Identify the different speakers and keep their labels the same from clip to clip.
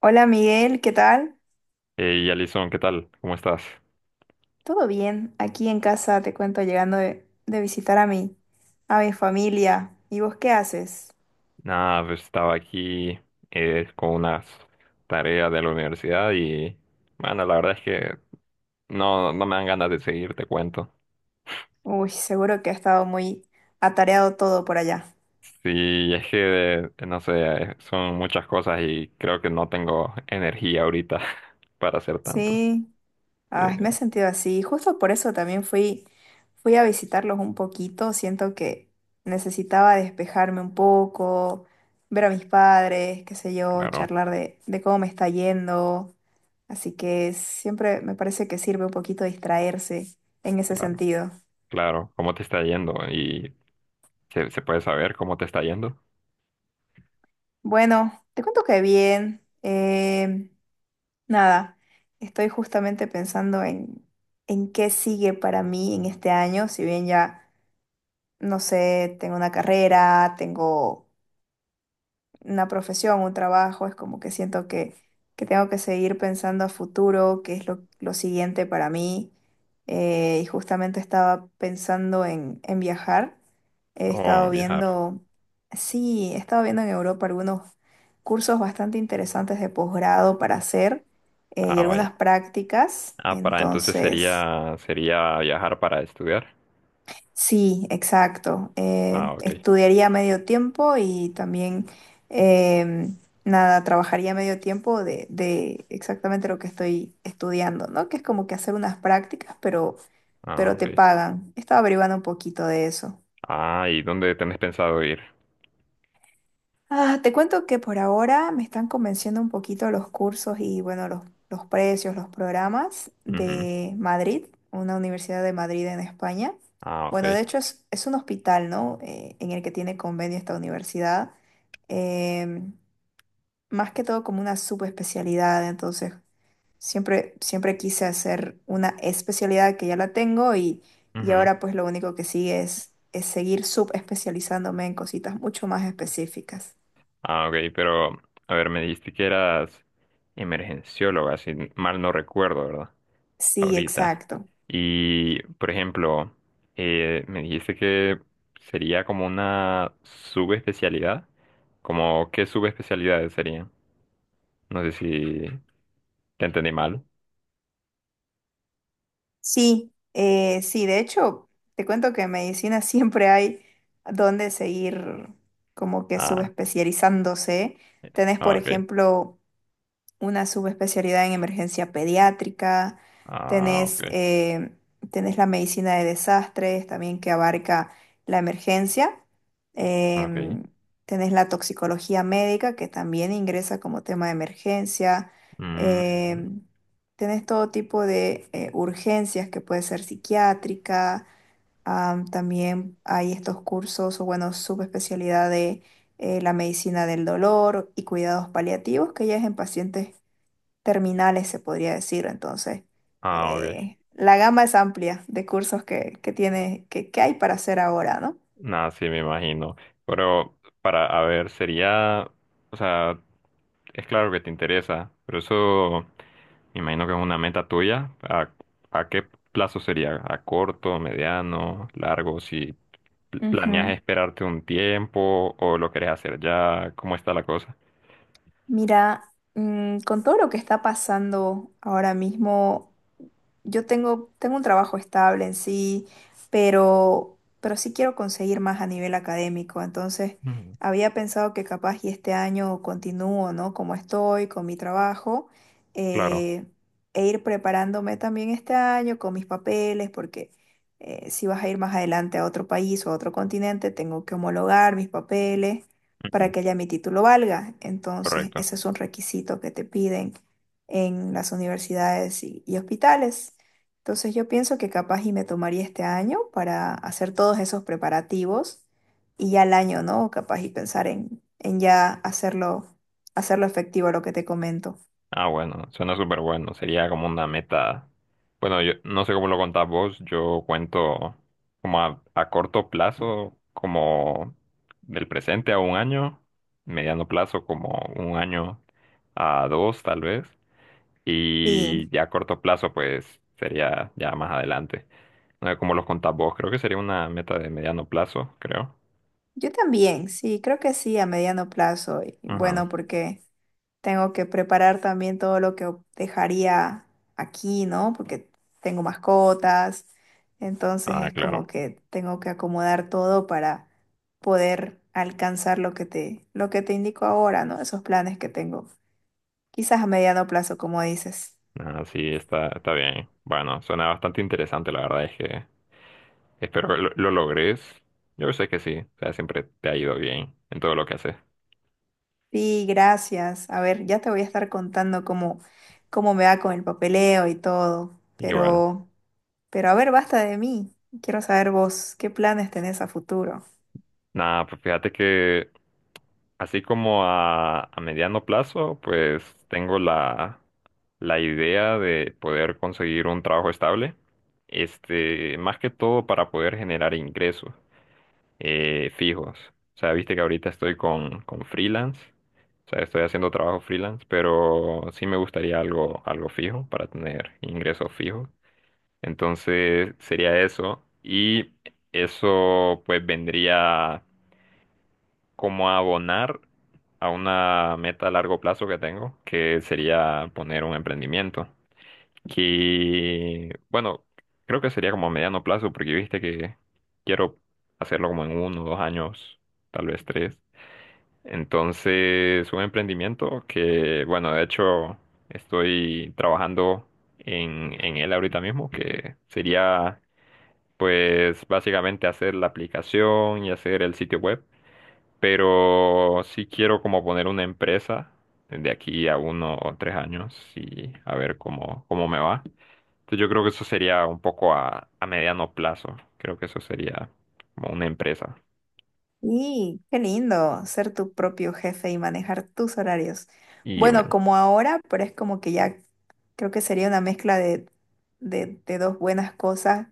Speaker 1: Hola Miguel, ¿qué tal?
Speaker 2: Hey, Alison, ¿qué tal? ¿Cómo estás?
Speaker 1: ¿Todo bien? Aquí en casa te cuento llegando de visitar a mi familia. ¿Y vos qué haces?
Speaker 2: Nada, pues estaba aquí con unas tareas de la universidad y, bueno, la verdad es que no, no me dan ganas de seguir, te cuento.
Speaker 1: Uy, seguro que ha estado muy atareado todo por allá.
Speaker 2: Sí, es que, no sé, son muchas cosas y creo que no tengo energía ahorita para hacer tanto.
Speaker 1: Sí,
Speaker 2: Sí,
Speaker 1: ay, me he sentido así. Justo por eso también fui a visitarlos un poquito. Siento que necesitaba despejarme un poco, ver a mis padres, qué sé yo,
Speaker 2: claro,
Speaker 1: charlar de cómo me está yendo. Así que siempre me parece que sirve un poquito distraerse en ese
Speaker 2: claro,
Speaker 1: sentido.
Speaker 2: claro. ¿Cómo te está yendo? ¿Y se puede saber cómo te está yendo?
Speaker 1: Bueno, te cuento que bien. Nada, estoy justamente pensando en qué sigue para mí en este año, si bien ya, no sé, tengo una carrera, tengo una profesión, un trabajo, es como que que tengo que seguir pensando a futuro, qué es lo siguiente para mí. Y justamente estaba pensando en viajar. He
Speaker 2: Oh,
Speaker 1: estado
Speaker 2: viajar.
Speaker 1: viendo, sí, he estado viendo en Europa algunos cursos bastante interesantes de posgrado para hacer, y
Speaker 2: Ah, vaya.
Speaker 1: algunas prácticas.
Speaker 2: Ah, para entonces
Speaker 1: Entonces...
Speaker 2: sería viajar para estudiar.
Speaker 1: Sí, exacto.
Speaker 2: Ah, ok.
Speaker 1: Estudiaría medio tiempo y también, em, nada, trabajaría medio tiempo de exactamente lo que estoy estudiando, ¿no? Que es como que hacer unas prácticas,
Speaker 2: Ah,
Speaker 1: pero te
Speaker 2: ok.
Speaker 1: pagan. Estaba averiguando un poquito de eso.
Speaker 2: Ah, ¿y dónde tenés pensado ir?
Speaker 1: Ah, te cuento que por ahora me están convenciendo un poquito los cursos y bueno, los precios, los programas
Speaker 2: Ujú.
Speaker 1: de Madrid, una universidad de Madrid en España.
Speaker 2: Ah,
Speaker 1: Bueno, de
Speaker 2: ok.
Speaker 1: hecho es un hospital, ¿no? En el que tiene convenio esta universidad. em, Más que todo como una subespecialidad, entonces siempre quise hacer una especialidad que ya la tengo y
Speaker 2: Ujú.
Speaker 1: ahora pues lo único que sigue es seguir subespecializándome en cositas mucho más específicas.
Speaker 2: Ah, ok, pero a ver, me dijiste que eras emergencióloga, si mal no recuerdo, ¿verdad?
Speaker 1: Sí,
Speaker 2: Ahorita.
Speaker 1: exacto.
Speaker 2: Y, por ejemplo, me dijiste que sería como una subespecialidad. Como, ¿qué subespecialidades serían? No sé si te entendí mal.
Speaker 1: Sí, sí, de hecho, te cuento que en medicina siempre hay donde seguir como que
Speaker 2: Ah,
Speaker 1: subespecializándose.
Speaker 2: eh,
Speaker 1: Tenés,
Speaker 2: ah,
Speaker 1: por
Speaker 2: ok.
Speaker 1: ejemplo, una subespecialidad en emergencia pediátrica,
Speaker 2: Ah,
Speaker 1: tenés,
Speaker 2: ok.
Speaker 1: tenés la medicina de desastres también que abarca la emergencia,
Speaker 2: Ah, ok.
Speaker 1: em, tenés la toxicología médica que también ingresa como tema de emergencia,
Speaker 2: Mm,
Speaker 1: em, tenés todo tipo de urgencias que puede ser psiquiátrica, también hay estos cursos o bueno, subespecialidad de la medicina del dolor y cuidados paliativos, que ya es en pacientes terminales, se podría decir. Entonces,
Speaker 2: ah, ok.
Speaker 1: la gama es amplia de cursos que tiene, que hay para hacer ahora, ¿no?
Speaker 2: Nada, sí, me imagino. Pero para, a ver, sería, o sea, es claro que te interesa, pero eso me imagino que es una meta tuya. A qué plazo sería? ¿A corto, mediano, largo? Si planeas
Speaker 1: Ujú.
Speaker 2: esperarte un tiempo o lo querés hacer ya, ¿cómo está la cosa?
Speaker 1: Mira, mm, con todo lo que está pasando ahora mismo. Yo tengo un trabajo estable en sí, pero sí quiero conseguir más a nivel académico. Entonces,
Speaker 2: Ujú.
Speaker 1: había pensado que capaz y este año continúo, ¿no? Como estoy con mi trabajo,
Speaker 2: Claro,
Speaker 1: eh, e ir preparándome también este año con mis papeles, porque si vas a ir más adelante a otro país o a otro continente, tengo que homologar mis papeles para
Speaker 2: ujú,
Speaker 1: que ya mi título valga. Entonces,
Speaker 2: correcto.
Speaker 1: ese es un requisito que te piden en las universidades y hospitales. Entonces yo pienso que capaz y me tomaría este año para hacer todos esos preparativos y ya el año, ¿no? Capaz y pensar en ya hacerlo, hacerlo efectivo lo que te comento.
Speaker 2: Ah, bueno, suena súper bueno. Sería como una meta. Bueno, yo no sé cómo lo contás vos. Yo cuento como a corto plazo, como del presente a un año, mediano plazo como un año a dos tal vez, y
Speaker 1: Sí.
Speaker 2: ya a corto plazo pues sería ya más adelante. No sé cómo los contás vos. Creo que sería una meta de mediano plazo, creo.
Speaker 1: Yo también, sí, creo que sí, a mediano plazo. Y
Speaker 2: Ajá.
Speaker 1: bueno, porque tengo que preparar también todo lo que dejaría aquí, ¿no? Porque tengo mascotas, entonces
Speaker 2: Ah,
Speaker 1: es como
Speaker 2: claro.
Speaker 1: que tengo que acomodar todo para poder alcanzar lo que lo que te indico ahora, ¿no? Esos planes que tengo. Quizás a mediano plazo, como dices.
Speaker 2: Ah, sí, está, está bien. Bueno, suena bastante interesante, la verdad es que espero lo logres. Yo sé que sí. O sea, siempre te ha ido bien en todo lo que haces.
Speaker 1: Sí, gracias. A ver, ya te voy a estar contando cómo me va con el papeleo y todo,
Speaker 2: Y bueno,
Speaker 1: pero... Pero a ver, basta de mí. Quiero saber vos, ¿qué planes tenés a futuro?
Speaker 2: nada, pues fíjate que así como a mediano plazo, pues tengo la idea de poder conseguir un trabajo estable. Este, más que todo para poder generar ingresos fijos. O sea, viste que ahorita estoy con freelance. O sea, estoy haciendo trabajo freelance, pero sí me gustaría algo fijo para tener ingresos fijos. Entonces sería eso. Y eso pues vendría como a abonar a una meta a largo plazo que tengo, que sería poner un emprendimiento. Y bueno, creo que sería como a mediano plazo, porque viste que quiero hacerlo como en uno, 2 años, tal vez tres. Entonces, un emprendimiento que, bueno, de hecho estoy trabajando en él ahorita mismo, que sería pues básicamente hacer la aplicación y hacer el sitio web, pero sí quiero como poner una empresa de aquí a uno o tres años y a ver cómo, cómo me va. Entonces yo creo que eso sería un poco a mediano plazo, creo que eso sería como una empresa.
Speaker 1: Y qué lindo ser tu propio jefe y manejar tus horarios.
Speaker 2: Y
Speaker 1: Bueno,
Speaker 2: bueno,
Speaker 1: como ahora, pero es como que ya creo que sería una mezcla de dos buenas cosas,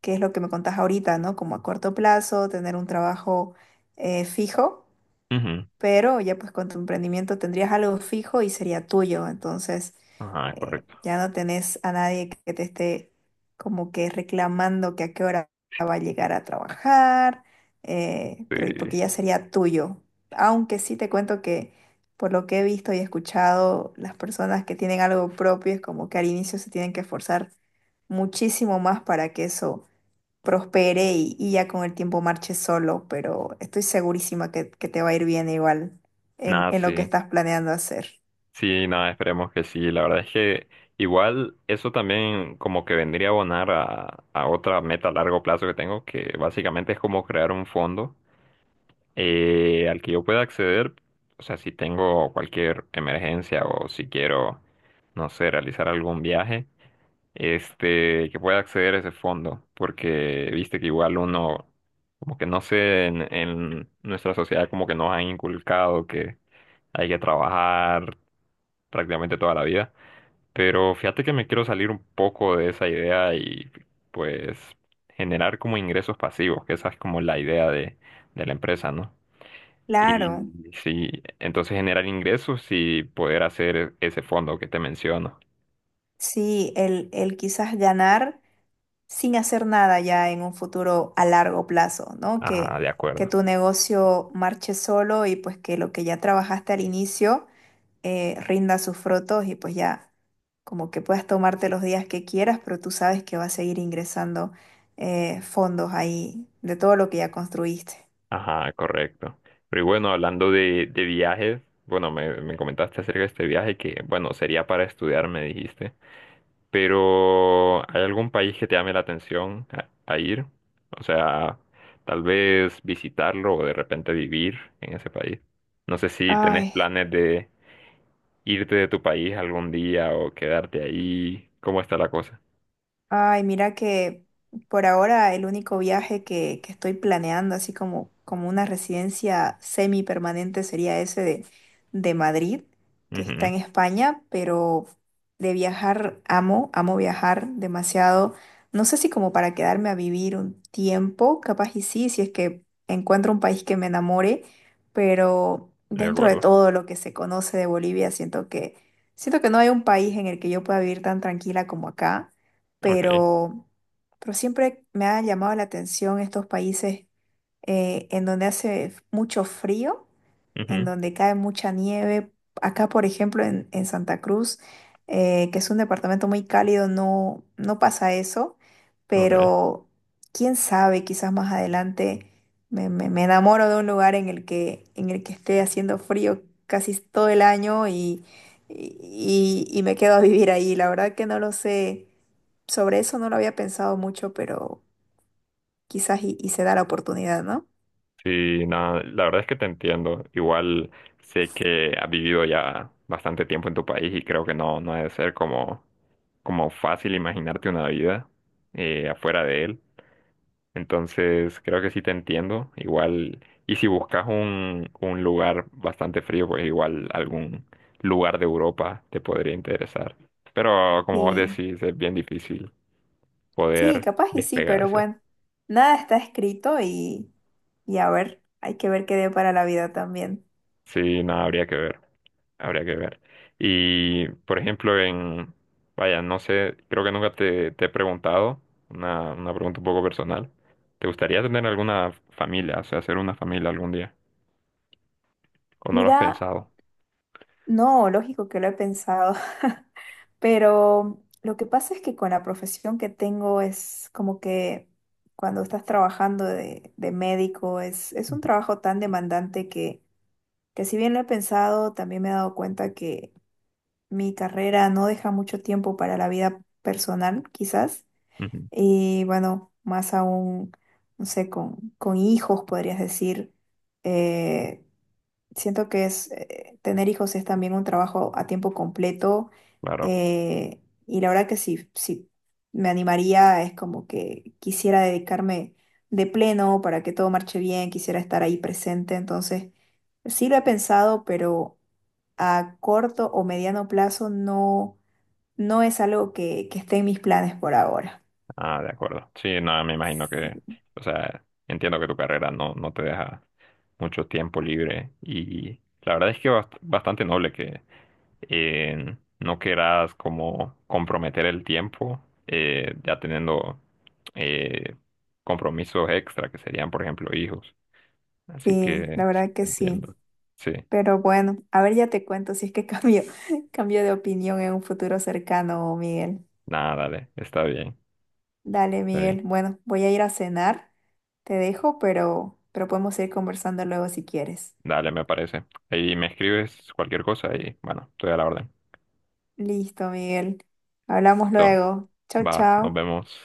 Speaker 1: que es lo que me contás ahorita, ¿no? Como a corto plazo, tener un trabajo fijo,
Speaker 2: claro, ujú,
Speaker 1: pero ya pues con tu emprendimiento tendrías algo fijo y sería tuyo, entonces
Speaker 2: ajá, correcto.
Speaker 1: ya no tenés a nadie que te esté como que reclamando que a qué hora va a llegar a trabajar,
Speaker 2: Sí.
Speaker 1: pero y porque ya sería tuyo, aunque sí te cuento que por lo que he visto y escuchado, las personas que tienen algo propio es como que al inicio se tienen que esforzar muchísimo más para que eso prospere y ya con el tiempo marche solo, pero estoy segurísima que te va a ir bien igual
Speaker 2: Nada,
Speaker 1: en lo que
Speaker 2: sí.
Speaker 1: estás planeando hacer.
Speaker 2: Sí, nada, esperemos que sí. La verdad es que igual eso también como que vendría a abonar a otra meta a largo plazo que tengo, que básicamente es como crear un fondo al que yo pueda acceder, o sea, si tengo cualquier emergencia o si quiero, no sé, realizar algún viaje, este, que pueda acceder a ese fondo, porque viste que igual uno, como que no sé, en nuestra sociedad como que nos han inculcado que hay que trabajar prácticamente toda la vida. Pero fíjate que me quiero salir un poco de esa idea y pues generar como ingresos pasivos, que esa es como la idea de la empresa, ¿no? Y
Speaker 1: Claro,
Speaker 2: sí, entonces generar ingresos y poder hacer ese fondo que te menciono.
Speaker 1: sí, el quizás ganar sin hacer nada ya en un futuro a largo plazo, ¿no?
Speaker 2: Ajá, de
Speaker 1: Que
Speaker 2: acuerdo.
Speaker 1: tu negocio marche solo y pues que lo que ya trabajaste al inicio rinda sus frutos y pues ya como que puedas tomarte los días que quieras, pero tú sabes que va a seguir ingresando fondos ahí de todo lo que ya construiste.
Speaker 2: Ajá, correcto. Pero y bueno, hablando de viajes, bueno, me comentaste acerca de este viaje que, bueno, sería para estudiar, me dijiste. Pero, ¿hay algún país que te llame la atención a ir? O sea, tal vez visitarlo o de repente vivir en ese país. No sé si tenés
Speaker 1: Ay.
Speaker 2: planes de irte de tu país algún día o quedarte ahí. ¿Cómo está la cosa?
Speaker 1: Ay, mira que por ahora el único viaje que estoy planeando, así como, como una residencia semipermanente, sería ese de Madrid, que está
Speaker 2: Ujú,
Speaker 1: en España, pero de viajar amo, amo viajar demasiado. No sé si como para quedarme a vivir un tiempo, capaz y sí, si es que encuentro un país que me enamore, pero
Speaker 2: de
Speaker 1: dentro de
Speaker 2: acuerdo.
Speaker 1: todo lo que se conoce de Bolivia, siento que no hay un país en el que yo pueda vivir tan tranquila como acá,
Speaker 2: Ok.
Speaker 1: pero, pero siempre me ha llamado la atención estos países en donde hace mucho frío, en
Speaker 2: Ujú,
Speaker 1: donde cae mucha nieve. Acá, por ejemplo, en Santa Cruz, que es un departamento muy cálido, no, no pasa eso,
Speaker 2: ok.
Speaker 1: pero quién sabe, quizás más adelante me enamoro de un lugar en el en el que esté haciendo frío casi todo el año y me quedo a vivir ahí. La verdad que no lo sé. Sobre eso no lo había pensado mucho, pero quizás y se da la oportunidad, ¿no?
Speaker 2: Sí, no, la verdad es que te entiendo. Igual sé que has vivido ya bastante tiempo en tu país y creo que no, no debe ser como, como fácil imaginarte una vida afuera de él. Entonces, creo que sí te entiendo. Igual, y si buscas un lugar bastante frío, pues igual algún lugar de Europa te podría interesar. Pero como vos
Speaker 1: Sí.
Speaker 2: decís, es bien difícil
Speaker 1: Sí,
Speaker 2: poder
Speaker 1: capaz y sí, pero
Speaker 2: despegarse.
Speaker 1: bueno, nada está escrito y a ver, hay que ver qué dé para la vida también.
Speaker 2: Sí, no, habría que ver, habría que ver. Y, por ejemplo, vaya, no sé, creo que nunca te he preguntado, una pregunta un poco personal. ¿Te gustaría tener alguna familia, o sea, hacer una familia algún día? ¿O no lo has
Speaker 1: Mira,
Speaker 2: pensado?
Speaker 1: no, lógico que lo he pensado, pero lo que pasa es que con la profesión que tengo es como que cuando estás trabajando de médico es un
Speaker 2: Ujú.
Speaker 1: trabajo tan demandante que si bien lo he pensado, también me he dado cuenta que mi carrera no deja mucho tiempo para la vida personal, quizás.
Speaker 2: Ujú,
Speaker 1: Y bueno, más aún, no sé, con hijos, podrías decir. Eh, Siento que es, tener hijos es también un trabajo a tiempo completo.
Speaker 2: claro,
Speaker 1: eh, y la verdad que si me animaría, es como que quisiera dedicarme de pleno para que todo marche bien, quisiera estar ahí presente. Entonces, sí lo he pensado, pero a corto o mediano plazo no, no es algo que esté en mis planes por ahora.
Speaker 2: ah, de acuerdo. Sí, no, me imagino que, o sea, entiendo que tu carrera no, no te deja mucho tiempo libre y la verdad es que bastante noble que no querás como comprometer el tiempo, ya teniendo eh, compromisos extra que serían, por ejemplo, hijos. Así
Speaker 1: Sí, la
Speaker 2: que sí,
Speaker 1: verdad
Speaker 2: te
Speaker 1: que sí.
Speaker 2: entiendo. Sí,
Speaker 1: Pero bueno, a ver, ya te cuento si es que cambio, cambio de opinión en un futuro cercano, Miguel.
Speaker 2: nada, dale, está bien,
Speaker 1: Dale,
Speaker 2: está bien.
Speaker 1: Miguel. Bueno, voy a ir a cenar. Te dejo, pero podemos ir conversando luego si quieres.
Speaker 2: Dale, me parece. Ahí me escribes cualquier cosa y bueno, estoy a la orden.
Speaker 1: Listo, Miguel. Hablamos
Speaker 2: Entonces,
Speaker 1: luego. Chao,
Speaker 2: va, nos
Speaker 1: chao.
Speaker 2: vemos.